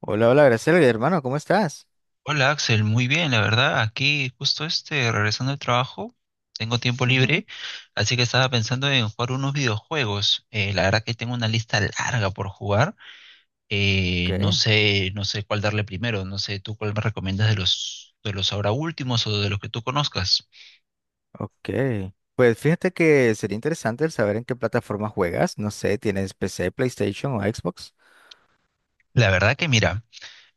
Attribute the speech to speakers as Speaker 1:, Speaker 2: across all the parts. Speaker 1: Hola, hola, Graciela, hermano, ¿cómo estás?
Speaker 2: Hola Axel, muy bien, la verdad, aquí justo regresando del trabajo, tengo tiempo
Speaker 1: Ujú.
Speaker 2: libre, así que estaba pensando en jugar unos videojuegos. La verdad que tengo una lista larga por jugar.
Speaker 1: Ok,
Speaker 2: No sé, no sé cuál darle primero, no sé tú cuál me recomiendas de los ahora últimos o de los que tú conozcas.
Speaker 1: ok. Pues fíjate que sería interesante el saber en qué plataforma juegas. No sé, ¿tienes PC, PlayStation o Xbox?
Speaker 2: La verdad que mira,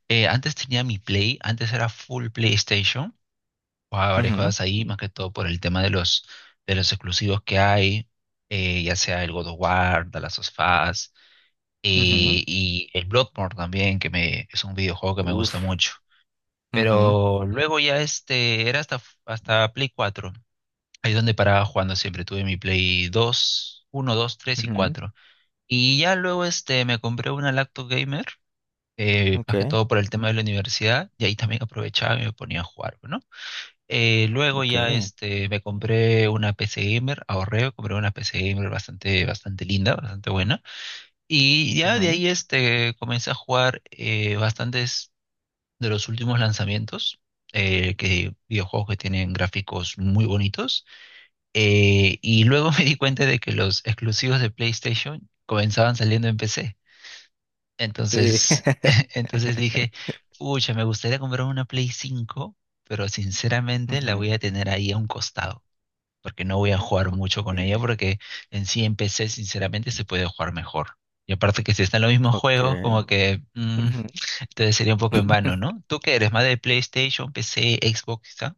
Speaker 2: antes tenía mi Play, antes era full PlayStation, jugaba varias
Speaker 1: Ujú,
Speaker 2: cosas ahí, más que todo por el tema de los exclusivos que hay, ya sea el God of War, The Last of Us
Speaker 1: ujú.
Speaker 2: y el Bloodborne también, que me, es un videojuego que me gusta
Speaker 1: Uf.
Speaker 2: mucho.
Speaker 1: Ujú,
Speaker 2: Pero luego ya era hasta Play cuatro, ahí es donde paraba jugando siempre. Tuve mi Play dos, uno, dos, tres y
Speaker 1: ujú.
Speaker 2: cuatro. Y ya luego me compré una laptop gamer, más que
Speaker 1: Ok,
Speaker 2: todo por el tema de la universidad, y ahí también aprovechaba y me ponía a jugar, ¿no? Luego
Speaker 1: ok.
Speaker 2: ya me compré una PC gamer, ahorré, compré una PC gamer bastante, bastante linda, bastante buena. Y ya de
Speaker 1: Ujú.
Speaker 2: ahí comencé a jugar bastantes de los últimos lanzamientos, videojuegos que tienen gráficos muy bonitos. Y luego me di cuenta de que los exclusivos de PlayStation comenzaban saliendo en PC.
Speaker 1: Sí.
Speaker 2: Entonces, dije, pucha, me gustaría comprar una Play 5, pero sinceramente la voy
Speaker 1: Ujú.
Speaker 2: a tener ahí a un costado, porque no voy a jugar mucho
Speaker 1: Ok,
Speaker 2: con ella, porque en sí en PC sinceramente se puede jugar mejor. Y aparte que si están los mismos
Speaker 1: ok.
Speaker 2: juegos, entonces sería un poco en vano, ¿no? ¿Tú qué eres? ¿Más de PlayStation, PC, Xbox, quizá?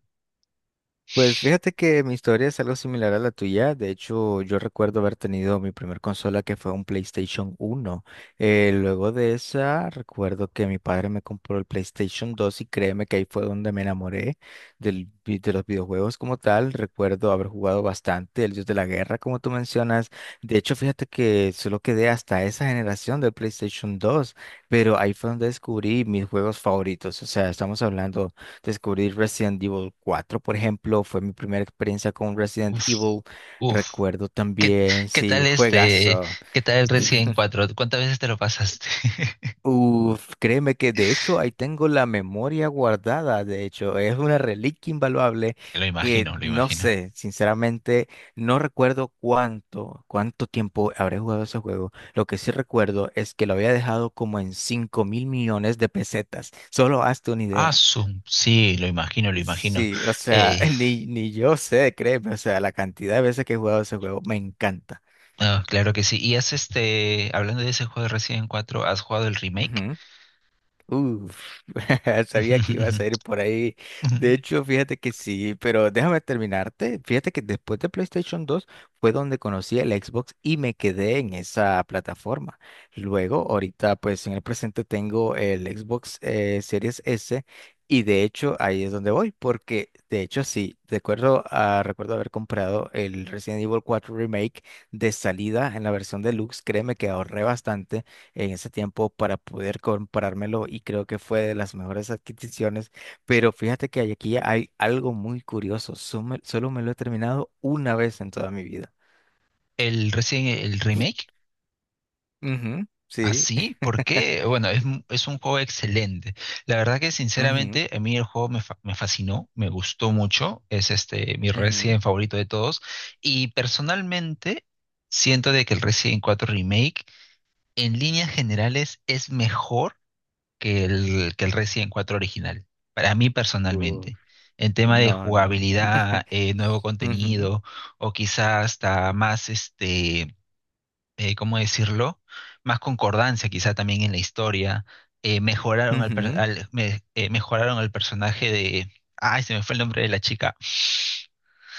Speaker 1: Pues fíjate que mi historia es algo similar a la tuya. De hecho, yo recuerdo haber tenido mi primer consola que fue un PlayStation 1. Luego de esa, recuerdo que mi padre me compró el PlayStation 2 y créeme que ahí fue donde me enamoré de los videojuegos como tal. Recuerdo haber jugado bastante el Dios de la Guerra, como tú mencionas. De hecho, fíjate que solo quedé hasta esa generación del PlayStation 2, pero ahí fue donde descubrí mis juegos favoritos. O sea, estamos hablando... Descubrir Resident Evil 4, por ejemplo, fue mi primera experiencia con Resident
Speaker 2: Uf,
Speaker 1: Evil.
Speaker 2: uf.
Speaker 1: Recuerdo
Speaker 2: ¿Qué,
Speaker 1: también,
Speaker 2: qué
Speaker 1: sí,
Speaker 2: tal este,
Speaker 1: juegazo.
Speaker 2: qué tal el Resident cuatro? ¿Cuántas veces te lo pasaste?
Speaker 1: Uf, créeme que de hecho ahí tengo la memoria guardada, de hecho, es una reliquia invaluable
Speaker 2: Lo
Speaker 1: que
Speaker 2: imagino, lo
Speaker 1: no
Speaker 2: imagino.
Speaker 1: sé, sinceramente, no recuerdo cuánto tiempo habré jugado ese juego. Lo que sí recuerdo es que lo había dejado como en 5 mil millones de pesetas, solo hazte una
Speaker 2: Ah,
Speaker 1: idea.
Speaker 2: sí, lo imagino, lo imagino.
Speaker 1: Sí, o sea,
Speaker 2: Eh,
Speaker 1: ni yo sé, créeme, o sea, la cantidad de veces que he jugado ese juego me encanta.
Speaker 2: claro que sí. Y hablando de ese juego de Resident 4, ¿has jugado el remake?
Speaker 1: Uf, sabía que iba a salir por ahí. De hecho, fíjate que sí, pero déjame terminarte. Fíjate que después de PlayStation 2 fue donde conocí el Xbox y me quedé en esa plataforma. Luego, ahorita, pues en el presente tengo el Xbox Series S y de hecho ahí es donde voy, porque de hecho sí, recuerdo, ah, recuerdo haber comprado el Resident Evil 4 Remake de salida en la versión deluxe. Créeme que ahorré bastante en ese tiempo para poder comprármelo y creo que fue de las mejores adquisiciones. Pero fíjate que aquí hay algo muy curioso. Solo me lo he terminado una vez en toda mi vida.
Speaker 2: El recién el remake,
Speaker 1: Ujú, sí.
Speaker 2: así, por qué bueno, es un juego excelente. La verdad que
Speaker 1: Ujú,
Speaker 2: sinceramente a mí el juego me fascinó, me gustó mucho, es mi
Speaker 1: ujú.
Speaker 2: Resident favorito de todos y personalmente siento de que el Resident cuatro Remake en líneas generales es mejor que el Resident cuatro original, para mí
Speaker 1: Uh.
Speaker 2: personalmente. En tema de
Speaker 1: No, no.
Speaker 2: jugabilidad, nuevo
Speaker 1: Ujú,
Speaker 2: contenido o quizás hasta más ¿cómo decirlo? Más concordancia quizá también en la historia.
Speaker 1: ujú.
Speaker 2: Mejoraron al personaje de... Ay, se me fue el nombre de la chica.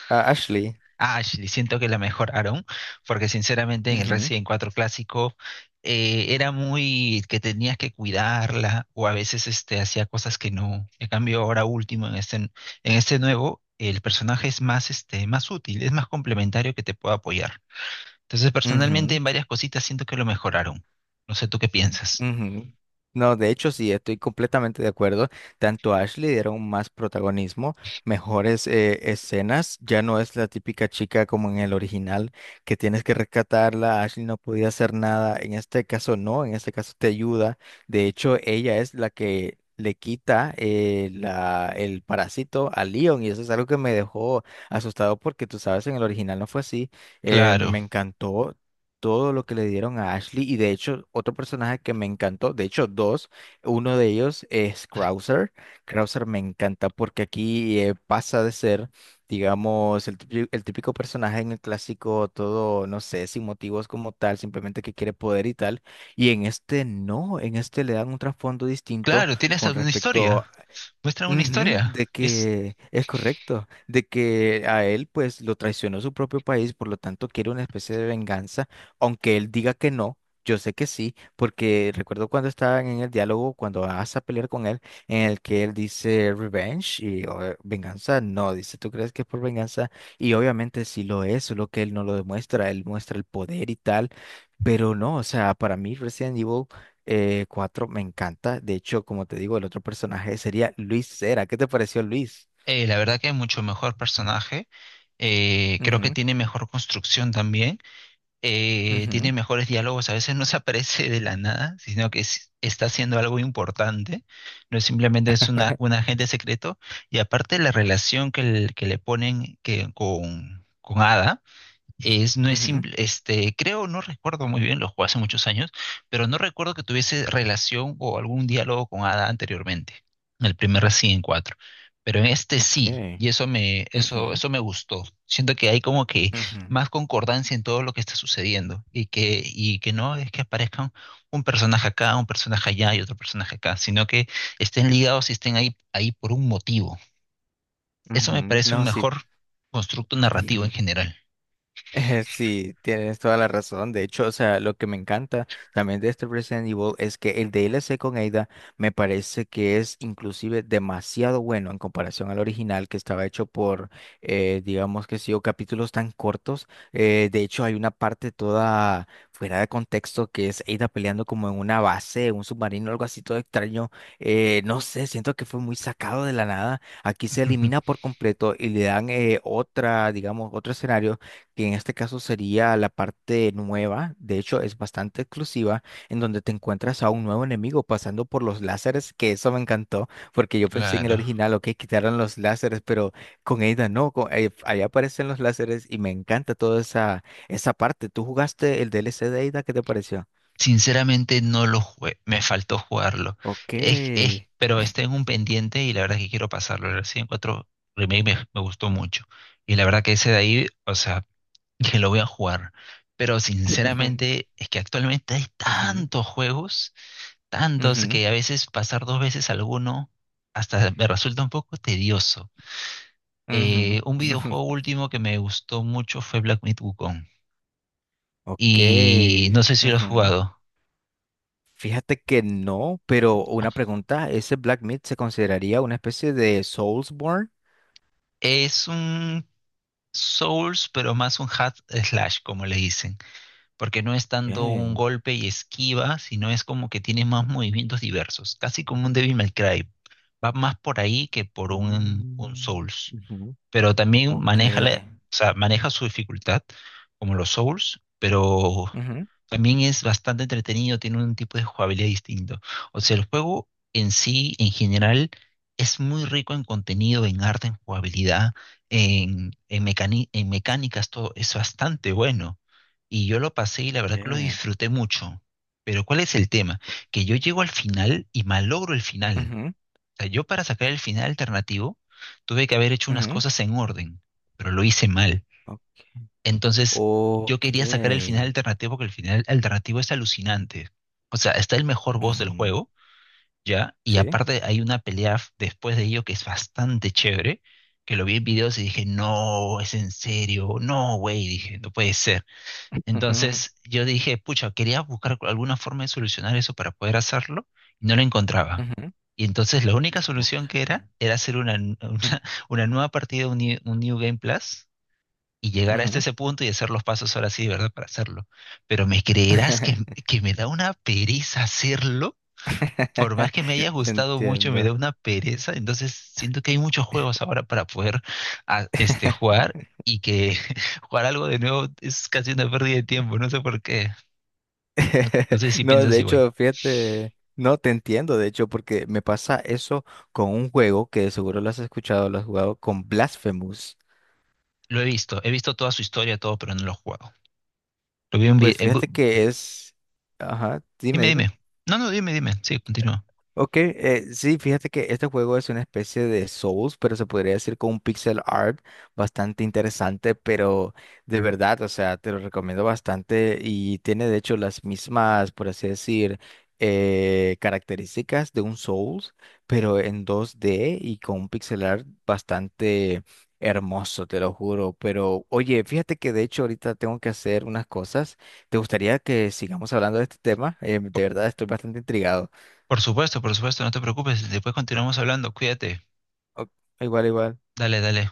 Speaker 1: Ah, Ashley.
Speaker 2: Ashley, siento que la mejoraron, porque sinceramente en el
Speaker 1: Ujú,
Speaker 2: Resident cuatro clásico era muy que tenías que cuidarla o a veces hacía cosas que no. En cambio, ahora último, en este nuevo, el personaje es más, este, más útil, es más complementario que te puede apoyar. Entonces, personalmente,
Speaker 1: ujú.
Speaker 2: en varias cositas siento que lo mejoraron. No sé tú qué piensas.
Speaker 1: Ujú. No, de hecho sí, estoy completamente de acuerdo. Tanto a Ashley dieron más protagonismo, mejores escenas. Ya no es la típica chica como en el original, que tienes que rescatarla. Ashley no podía hacer nada. En este caso no, en este caso te ayuda. De hecho, ella es la que le quita la, el parásito a Leon y eso es algo que me dejó asustado porque tú sabes, en el original no fue así. Me
Speaker 2: Claro,
Speaker 1: encantó todo lo que le dieron a Ashley y de hecho otro personaje que me encantó, de hecho dos, uno de ellos es Krauser. Krauser me encanta porque aquí pasa de ser, digamos, el típico personaje en el clásico, todo, no sé, sin motivos como tal, simplemente que quiere poder y tal, y en este no, en este le dan un trasfondo distinto
Speaker 2: claro, tiene hasta
Speaker 1: con
Speaker 2: una
Speaker 1: respecto.
Speaker 2: historia. Muestra una
Speaker 1: Ujú,
Speaker 2: historia.
Speaker 1: de que es correcto, de que a él pues lo traicionó su propio país, por lo tanto quiere una especie de venganza, aunque él diga que no, yo sé que sí, porque recuerdo cuando estaban en el diálogo, cuando vas a pelear con él, en el que él dice revenge y o, venganza, no, dice, ¿tú crees que es por venganza? Y obviamente sí lo es, solo que él no lo demuestra, él muestra el poder y tal, pero no, o sea, para mí recién Evil 4, me encanta. De hecho, como te digo, el otro personaje sería Luis Cera. ¿Qué te pareció Luis?
Speaker 2: La verdad que es mucho mejor personaje. Creo que
Speaker 1: Ujú,
Speaker 2: tiene mejor construcción también. Tiene
Speaker 1: ujú,
Speaker 2: mejores diálogos. A veces no se aparece de la nada, sino que está haciendo algo importante. No es simplemente es una, un agente secreto. Y aparte la relación que le ponen que, con Ada. No es
Speaker 1: ujú.
Speaker 2: simple, este, creo, no recuerdo muy bien, lo jugué hace muchos años, pero no recuerdo que tuviese relación o algún diálogo con Ada anteriormente, en el primer Resident cuatro. Pero en este
Speaker 1: Ok.
Speaker 2: sí, y
Speaker 1: Ujú,
Speaker 2: eso me gustó. Siento que hay como que
Speaker 1: ujú,
Speaker 2: más concordancia en todo lo que está sucediendo y que no es que aparezcan un personaje acá, un personaje allá y otro personaje acá, sino que estén ligados y estén ahí por un motivo. Eso me
Speaker 1: ujú.
Speaker 2: parece un
Speaker 1: No, sí.
Speaker 2: mejor constructo narrativo en general.
Speaker 1: Sí, tienes toda la razón. De hecho, o sea, lo que me encanta también de este Resident Evil es que el DLC con Ada me parece que es inclusive demasiado bueno en comparación al original que estaba hecho por, digamos que sí, o capítulos tan cortos. De hecho, hay una parte toda fuera de contexto que es Ada peleando como en una base, un submarino, algo así todo extraño. No sé, siento que fue muy sacado de la nada. Aquí se elimina por completo y le dan otra, digamos, otro escenario que en este caso sería la parte nueva, de hecho es bastante exclusiva, en donde te encuentras a un nuevo enemigo pasando por los láseres, que eso me encantó, porque yo pensé en el
Speaker 2: Claro.
Speaker 1: original, ok, quitaron los láseres, pero con Ada no, con, ahí aparecen los láseres y me encanta toda esa parte. ¿Tú jugaste el DLC de Ada? ¿Qué te pareció?
Speaker 2: Sinceramente no lo jugué, me faltó jugarlo.
Speaker 1: Ok.
Speaker 2: Pero está en un pendiente y la verdad es que quiero pasarlo. El Resident Cuatro Remake me gustó mucho. Y la verdad que ese de ahí, o sea, que lo voy a jugar. Pero sinceramente es que actualmente hay
Speaker 1: Ujú,
Speaker 2: tantos juegos, tantos
Speaker 1: ujú,
Speaker 2: que a veces pasar dos veces alguno hasta me resulta un poco tedioso.
Speaker 1: ujú,
Speaker 2: Un
Speaker 1: ujú.
Speaker 2: videojuego último que me gustó mucho fue Black Myth Wukong.
Speaker 1: Ok.
Speaker 2: Y no sé si lo has
Speaker 1: Ujú.
Speaker 2: jugado.
Speaker 1: Fíjate que no, pero una pregunta, ¿ese Black Myth se consideraría una especie de Soulsborne?
Speaker 2: Es un Souls, pero más un hack slash, como le dicen, porque no es tanto un
Speaker 1: Okay.
Speaker 2: golpe y esquiva, sino es como que tiene más movimientos diversos, casi como un Devil May Cry. Va más por ahí que por un
Speaker 1: Mm,
Speaker 2: Souls,
Speaker 1: ujú.
Speaker 2: pero también
Speaker 1: Ok.
Speaker 2: o sea, maneja su dificultad, como los Souls, pero
Speaker 1: Ujú.
Speaker 2: también es bastante entretenido, tiene un tipo de jugabilidad distinto. O sea, el juego en sí, en general, es muy rico en contenido, en arte, en jugabilidad, en mecánicas, todo es bastante bueno. Y yo lo pasé y la verdad que lo
Speaker 1: ¿Qué?
Speaker 2: disfruté mucho. Pero ¿cuál es el tema? Que yo llego al final y malogro el final,
Speaker 1: Ujú,
Speaker 2: sea, yo para sacar el final alternativo tuve que haber hecho unas
Speaker 1: ujú.
Speaker 2: cosas en orden, pero lo hice mal.
Speaker 1: Ok.
Speaker 2: Entonces, yo
Speaker 1: Ok.
Speaker 2: quería sacar el final alternativo porque el final alternativo es alucinante. O sea, está el mejor boss del
Speaker 1: Ujú,
Speaker 2: juego, ¿ya? Y
Speaker 1: sí.
Speaker 2: aparte hay una después de ello que es bastante chévere, que lo vi en videos y dije, no, es en serio, no, güey, dije, no puede ser.
Speaker 1: Ujú,
Speaker 2: Entonces, yo dije, pucha, quería buscar alguna forma de solucionar eso para poder hacerlo y no lo encontraba.
Speaker 1: ujú.
Speaker 2: Y entonces la única
Speaker 1: Ok.
Speaker 2: solución que era hacer
Speaker 1: Ujú,
Speaker 2: una nueva partida, un New Game Plus, y llegar hasta
Speaker 1: ujú.
Speaker 2: ese punto y hacer los pasos ahora sí, de verdad, para hacerlo. Pero me creerás que me da una pereza hacerlo, por más que me haya gustado mucho, me
Speaker 1: Entiendo.
Speaker 2: da una pereza. Entonces siento que hay muchos juegos ahora para poder jugar y que jugar algo de nuevo es casi una pérdida de tiempo, no sé por qué. No, no sé si
Speaker 1: No,
Speaker 2: piensas
Speaker 1: de
Speaker 2: igual.
Speaker 1: hecho, fíjate, no te entiendo, de hecho, porque me pasa eso con un juego que seguro lo has escuchado, lo has jugado con Blasphemous.
Speaker 2: Lo he visto toda su historia, todo, pero no lo he jugado. Lo vi en video.
Speaker 1: Pues fíjate que es, ajá, dime,
Speaker 2: Dime,
Speaker 1: dime.
Speaker 2: dime. No, no, dime, dime. Sí, continúa.
Speaker 1: Ok, sí, fíjate que este juego es una especie de Souls, pero se podría decir con un pixel art bastante interesante, pero de verdad, o sea, te lo recomiendo bastante y tiene de hecho las mismas, por así decir, características de un Souls, pero en 2D y con un pixel art bastante hermoso, te lo juro. Pero oye, fíjate que de hecho ahorita tengo que hacer unas cosas. ¿Te gustaría que sigamos hablando de este tema?
Speaker 2: Por,
Speaker 1: De verdad, estoy bastante intrigado.
Speaker 2: por supuesto, no te preocupes. Después continuamos hablando. Cuídate.
Speaker 1: Ok. Igual, igual.
Speaker 2: Dale, dale.